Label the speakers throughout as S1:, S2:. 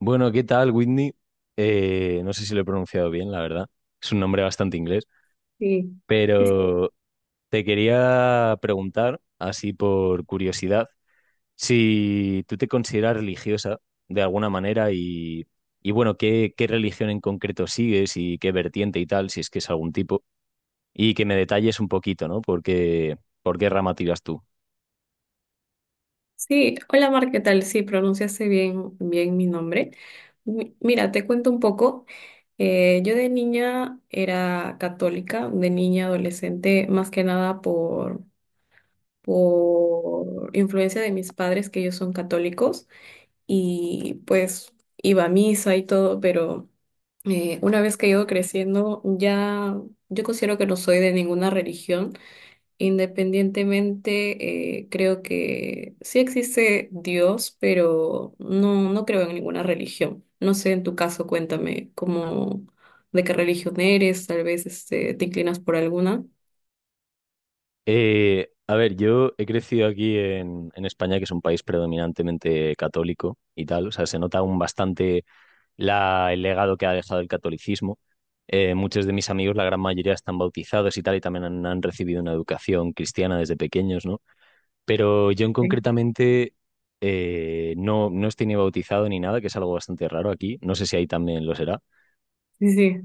S1: Bueno, ¿qué tal, Whitney? No sé si lo he pronunciado bien, la verdad. Es un nombre bastante inglés,
S2: Sí, sí,
S1: pero te quería preguntar, así por curiosidad, si tú te consideras religiosa de alguna manera y, bueno, qué religión en concreto sigues y qué vertiente y tal, si es que es algún tipo, y que me detalles un poquito, ¿no? Porque, ¿por qué rama tiras tú?
S2: sí. Hola Mar, ¿qué tal? Sí, pronunciaste bien mi nombre. Mira, te cuento un poco. Yo de niña era católica, de niña adolescente, más que nada por influencia de mis padres, que ellos son católicos, y pues iba a misa y todo, pero una vez que he ido creciendo, ya yo considero que no soy de ninguna religión. Independientemente, creo que sí existe Dios, pero no creo en ninguna religión. No sé, en tu caso, cuéntame de qué religión eres, tal vez este, te inclinas por alguna.
S1: A ver, yo he crecido en España, que es un país predominantemente católico y tal. O sea, se nota aún bastante el legado que ha dejado el catolicismo. Muchos de mis amigos, la gran mayoría, están bautizados y tal, y también han recibido una educación cristiana desde pequeños, ¿no? Pero yo en
S2: Sí.
S1: concretamente no estoy ni bautizado ni nada, que es algo bastante raro aquí. No sé si ahí también lo será.
S2: Sí, sí,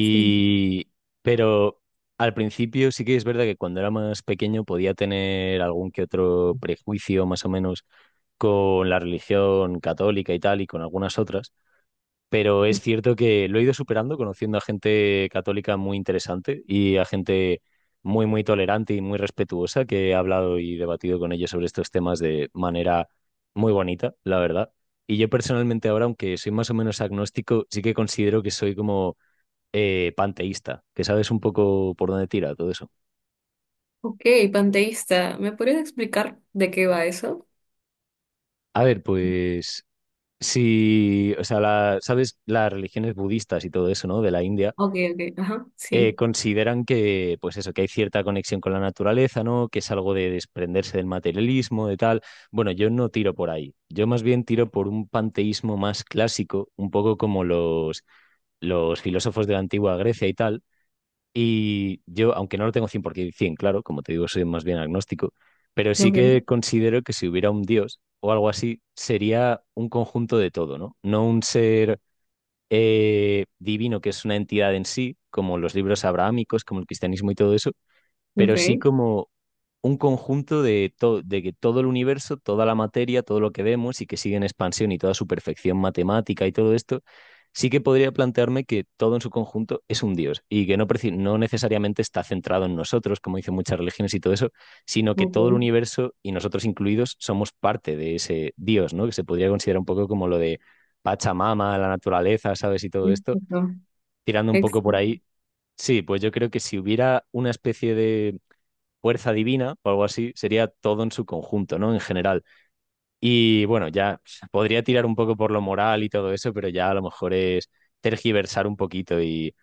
S2: sí.
S1: pero al principio sí que es verdad que cuando era más pequeño podía tener algún que otro prejuicio más o menos con la religión católica y tal y con algunas otras, pero es cierto que lo he ido superando conociendo a gente católica muy interesante y a gente muy, muy tolerante y muy respetuosa que he hablado y debatido con ellos sobre estos temas de manera muy bonita, la verdad. Y yo personalmente ahora, aunque soy más o menos agnóstico, sí que considero que soy como panteísta, que sabes un poco por dónde tira todo eso.
S2: Ok, panteísta, ¿me podrías explicar de qué va eso?
S1: A ver, pues si, o sea, sabes, las religiones budistas y todo eso, ¿no? De la India,
S2: Ok, ok, ajá, sí.
S1: consideran que, pues eso, que hay cierta conexión con la naturaleza, ¿no? Que es algo de desprenderse del materialismo, de tal. Bueno, yo no tiro por ahí. Yo más bien tiro por un panteísmo más clásico, un poco como los filósofos de la antigua Grecia y tal. Y yo, aunque no lo tengo 100%, claro, como te digo, soy más bien agnóstico, pero sí
S2: Ok,
S1: que considero que si hubiera un Dios o algo así, sería un conjunto de todo, ¿no? No un ser divino que es una entidad en sí, como los libros abrahámicos, como el cristianismo y todo eso, pero
S2: ok,
S1: sí como un conjunto de, de que todo el universo, toda la materia, todo lo que vemos y que sigue en expansión y toda su perfección matemática y todo esto, sí que podría plantearme que todo en su conjunto es un Dios y que no, no necesariamente está centrado en nosotros, como dicen muchas religiones y todo eso, sino que
S2: ok.
S1: todo el universo y nosotros incluidos somos parte de ese Dios, ¿no? Que se podría considerar un poco como lo de Pachamama, la naturaleza, ¿sabes? Y todo esto, tirando un poco por
S2: Exacto.
S1: ahí. Sí, pues yo creo que si hubiera una especie de fuerza divina o algo así, sería todo en su conjunto, ¿no? En general. Y bueno, ya podría tirar un poco por lo moral y todo eso, pero ya a lo mejor es tergiversar un poquito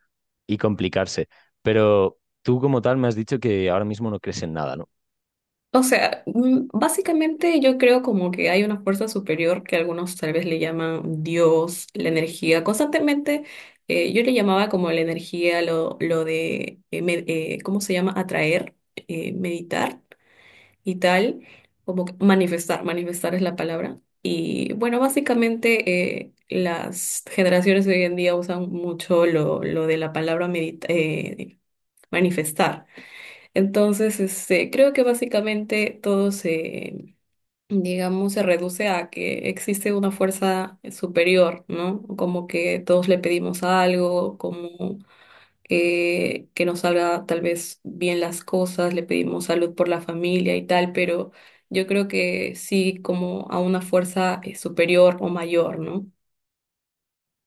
S1: y complicarse. Pero tú como tal me has dicho que ahora mismo no crees en nada, ¿no?
S2: O sea, mm, básicamente yo creo como que hay una fuerza superior que algunos tal vez le llaman Dios, la energía. Constantemente yo le llamaba como la energía, lo de, ¿cómo se llama? Atraer, meditar y tal, como que manifestar es la palabra. Y bueno, básicamente las generaciones de hoy en día usan mucho lo de la palabra manifestar. Entonces, este, creo que básicamente todo se, digamos, se reduce a que existe una fuerza superior, ¿no? Como que todos le pedimos algo, como que nos salga tal vez bien las cosas, le pedimos salud por la familia y tal, pero yo creo que sí, como a una fuerza superior o mayor, ¿no?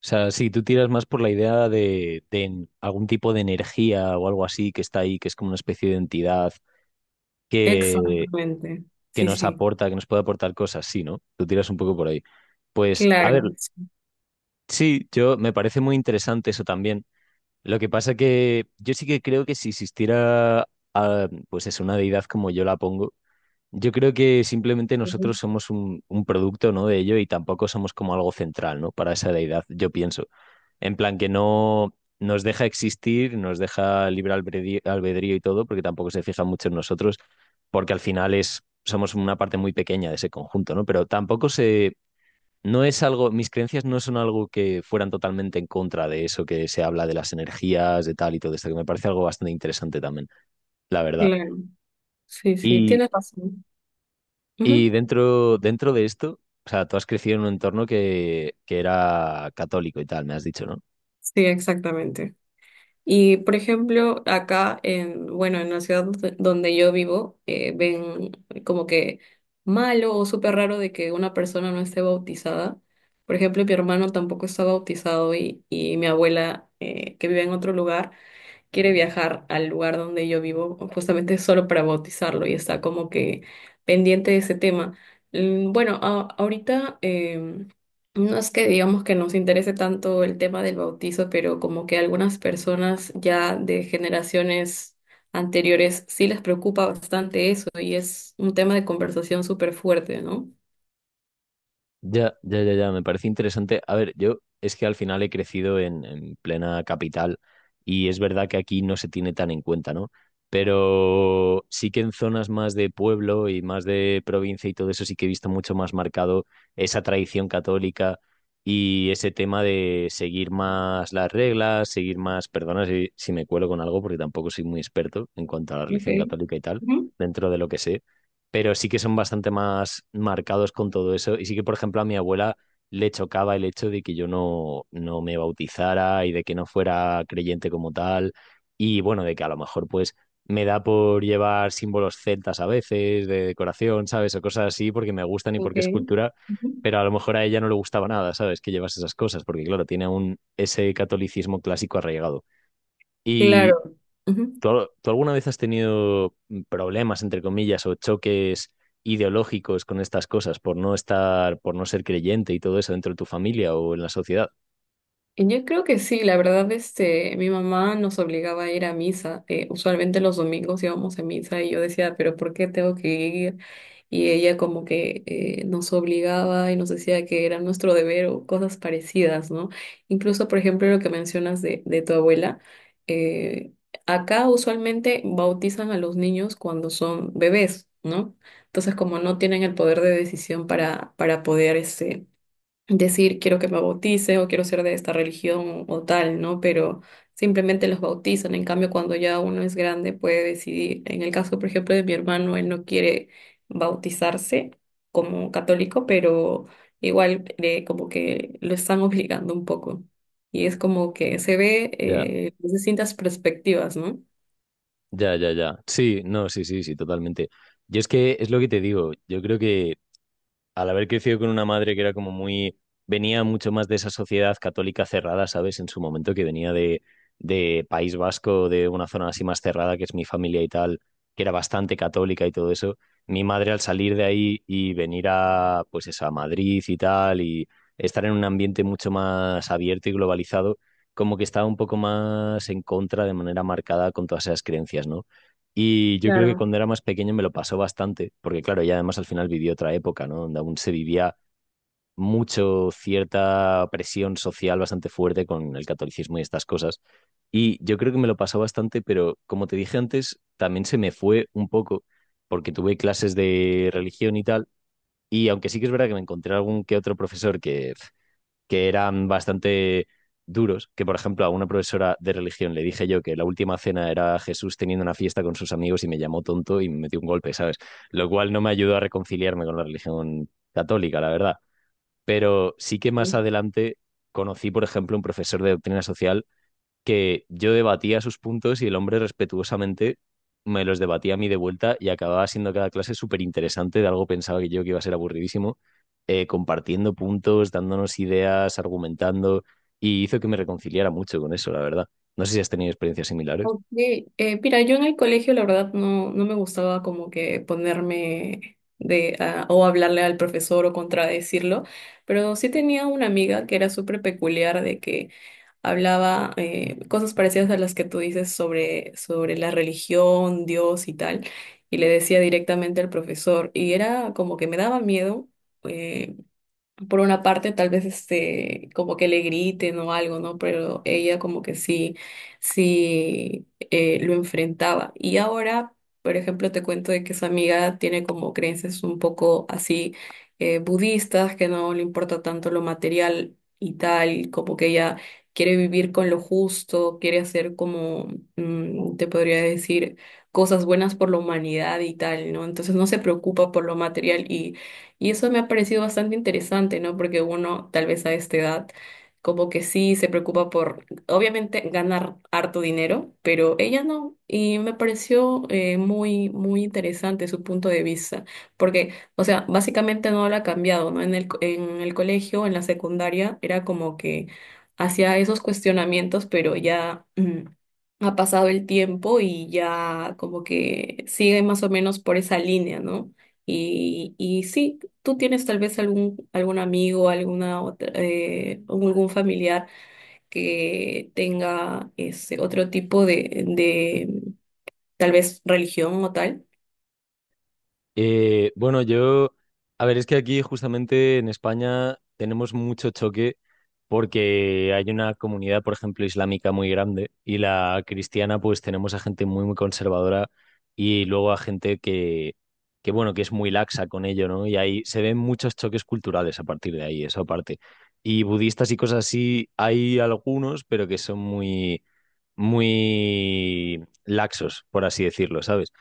S1: O sea, sí, tú tiras más por la idea de, algún tipo de energía o algo así que está ahí, que es como una especie de entidad que,
S2: Exactamente.
S1: que
S2: Sí,
S1: nos
S2: sí.
S1: aporta, que nos puede aportar cosas, sí, ¿no? Tú tiras un poco por ahí. Pues, a ver,
S2: Claro. Sí,
S1: sí, yo me parece muy interesante eso también. Lo que pasa que yo sí que creo que si existiera, ah, pues es una deidad como yo la pongo, yo creo que simplemente nosotros somos un producto, ¿no? de ello y tampoco somos como algo central, ¿no? para esa deidad, yo pienso. En plan que no nos deja existir, nos deja libre albedrío, albedrío y todo, porque tampoco se fija mucho en nosotros, porque al final es, somos una parte muy pequeña de ese conjunto, ¿no? Pero tampoco se no es algo, mis creencias no son algo que fueran totalmente en contra de eso que se habla de las energías, de tal y todo esto, que me parece algo bastante interesante también, la verdad.
S2: Claro. Sí, sí,
S1: Y,
S2: tienes razón.
S1: y
S2: Ujú.
S1: dentro de esto, o sea, tú has crecido en un entorno que era católico y tal, me has dicho, ¿no?
S2: Sí, exactamente. Y por ejemplo, bueno, en la ciudad donde yo vivo, ven como que malo o súper raro de que una persona no esté bautizada. Por ejemplo, mi hermano tampoco está bautizado y mi abuela, que vive en otro lugar, quiere viajar al lugar donde yo vivo justamente solo para bautizarlo y está como que pendiente de ese tema. Mm, bueno, ahorita no es que digamos que nos interese tanto el tema del bautizo, pero como que algunas personas ya de generaciones anteriores sí les preocupa bastante eso y es un tema de conversación súper fuerte, ¿no?
S1: Ya, ya, ya, ya, me parece interesante. A ver, yo es que al final he crecido en plena capital y es verdad que aquí no se tiene tan en cuenta, ¿no? Pero sí que en zonas más de pueblo y más de provincia y todo eso sí que he visto mucho más marcado esa tradición católica y ese tema de seguir más las reglas, seguir más, perdona si me cuelo con algo porque tampoco soy muy experto en cuanto a la religión
S2: Okay.
S1: católica y tal,
S2: Ujú.
S1: dentro de lo que sé, pero sí que son bastante más marcados con todo eso. Y sí que, por ejemplo, a mi abuela le chocaba el hecho de que yo no me bautizara y de que no fuera creyente como tal. Y bueno, de que a lo mejor pues me da por llevar símbolos celtas a veces, de decoración, ¿sabes? O cosas así porque me gustan y porque es
S2: Okay.
S1: cultura,
S2: Ujú.
S1: pero a lo mejor a ella no le gustaba nada, ¿sabes? Que llevas esas cosas, porque claro, tiene un, ese catolicismo clásico arraigado. Y
S2: Claro. Ujú.
S1: Tú alguna vez has tenido problemas, entre comillas, o choques ideológicos con estas cosas por no estar, por no ser creyente y todo eso dentro de tu familia o en la sociedad?
S2: Yo creo que sí, la verdad, este, mi mamá nos obligaba a ir a misa. Usualmente los domingos íbamos a misa y yo decía, pero ¿por qué tengo que ir? Y ella como que nos obligaba y nos decía que era nuestro deber o cosas parecidas, ¿no? Incluso, por ejemplo, lo que mencionas de tu abuela, eh, acá usualmente bautizan a los niños cuando son bebés, ¿no? Entonces, como no tienen el poder de decisión para poder, este, decir quiero que me bautice o quiero ser de esta religión o tal, ¿no? Pero simplemente los bautizan. En cambio, cuando ya uno es grande puede decidir. En el caso, por ejemplo, de mi hermano, él no quiere bautizarse como católico, pero igual como que lo están obligando un poco. Y es como que se ve
S1: Ya,
S2: desde distintas perspectivas, ¿no?
S1: ya, ya, ya. Sí, no, sí, sí, sí, totalmente. Yo es que es lo que te digo. Yo creo que al haber crecido con una madre que era como muy, venía mucho más de esa sociedad católica cerrada, ¿sabes? En su momento que venía de País Vasco, de una zona así más cerrada, que es mi familia y tal, que era bastante católica y todo eso. Mi madre al salir de ahí y venir a, pues eso, a Madrid y tal, y estar en un ambiente mucho más abierto y globalizado, como que estaba un poco más en contra de manera marcada con todas esas creencias, ¿no? Y yo creo que
S2: Claro.
S1: cuando era más pequeño me lo pasó bastante, porque claro, y además al final viví otra época, ¿no? Donde aún se vivía mucho cierta presión social bastante fuerte con el catolicismo y estas cosas. Y yo creo que me lo pasó bastante, pero como te dije antes, también se me fue un poco, porque tuve clases de religión y tal, y aunque sí que es verdad que me encontré algún que otro profesor que eran bastante duros, que por ejemplo a una profesora de religión le dije yo que la última cena era Jesús teniendo una fiesta con sus amigos y me llamó tonto y me metió un golpe, ¿sabes? Lo cual no me ayudó a reconciliarme con la religión católica, la verdad. Pero sí que más adelante conocí, por ejemplo, un profesor de doctrina social que yo debatía sus puntos y el hombre respetuosamente me los debatía a mí de vuelta y acababa siendo cada clase súper interesante de algo pensaba que yo que iba a ser aburridísimo, compartiendo puntos, dándonos ideas, argumentando y hizo que me reconciliara mucho con eso, la verdad. No sé si has tenido experiencias similares.
S2: Ok, mira, yo en el colegio la verdad no me gustaba como que ponerme de ah, o hablarle al profesor o contradecirlo, pero sí tenía una amiga que era súper peculiar de que hablaba cosas parecidas a las que tú dices sobre la religión, Dios y tal, y le decía directamente al profesor, y era como que me daba miedo. eh, por una parte tal vez este como que le griten o algo, ¿no? Pero ella como que sí, sí lo enfrentaba. Y ahora, por ejemplo, te cuento de que su amiga tiene como creencias un poco así budistas, que no le importa tanto lo material y tal, como que ella quiere vivir con lo justo, quiere hacer como, mm, te podría decir, cosas buenas por la humanidad y tal, ¿no? Entonces no se preocupa por lo material y eso me ha parecido bastante interesante, ¿no? Porque uno, tal vez a esta edad, como que sí se preocupa por, obviamente, ganar harto dinero, pero ella no. Y me pareció muy, muy interesante su punto de vista. Porque, o sea, básicamente no lo ha cambiado, ¿no? En el colegio, en la secundaria, era como que hacía esos cuestionamientos, pero ya... ha pasado el tiempo y ya como que sigue más o menos por esa línea, ¿no? Y sí, ¿tú tienes tal vez algún amigo, alguna otra, o algún familiar que tenga ese otro tipo de tal vez religión o tal?
S1: Bueno, yo, a ver, es que aquí justamente en España tenemos mucho choque porque hay una comunidad, por ejemplo, islámica muy grande y la cristiana, pues tenemos a gente muy, muy conservadora y luego a gente que bueno, que es muy laxa con ello, ¿no? Y ahí se ven muchos choques culturales a partir de ahí, eso aparte. Y budistas y cosas así, hay algunos, pero que son muy muy laxos, por así decirlo, ¿sabes?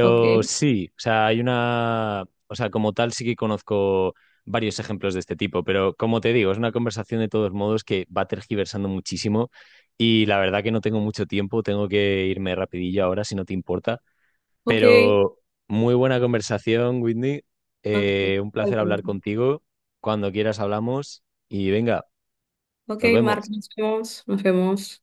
S2: Ok,
S1: sí, o sea, hay una, o sea, como tal sí que conozco varios ejemplos de este tipo, pero como te digo, es una conversación de todos modos que va tergiversando muchísimo y la verdad que no tengo mucho tiempo, tengo que irme rapidillo ahora, si no te importa,
S2: ok,
S1: pero muy buena conversación, Whitney.
S2: ok,
S1: Un placer
S2: totalmente.
S1: hablar contigo, cuando quieras hablamos y venga,
S2: Ok,
S1: nos
S2: Mark, nos
S1: vemos.
S2: vemos, nos vemos.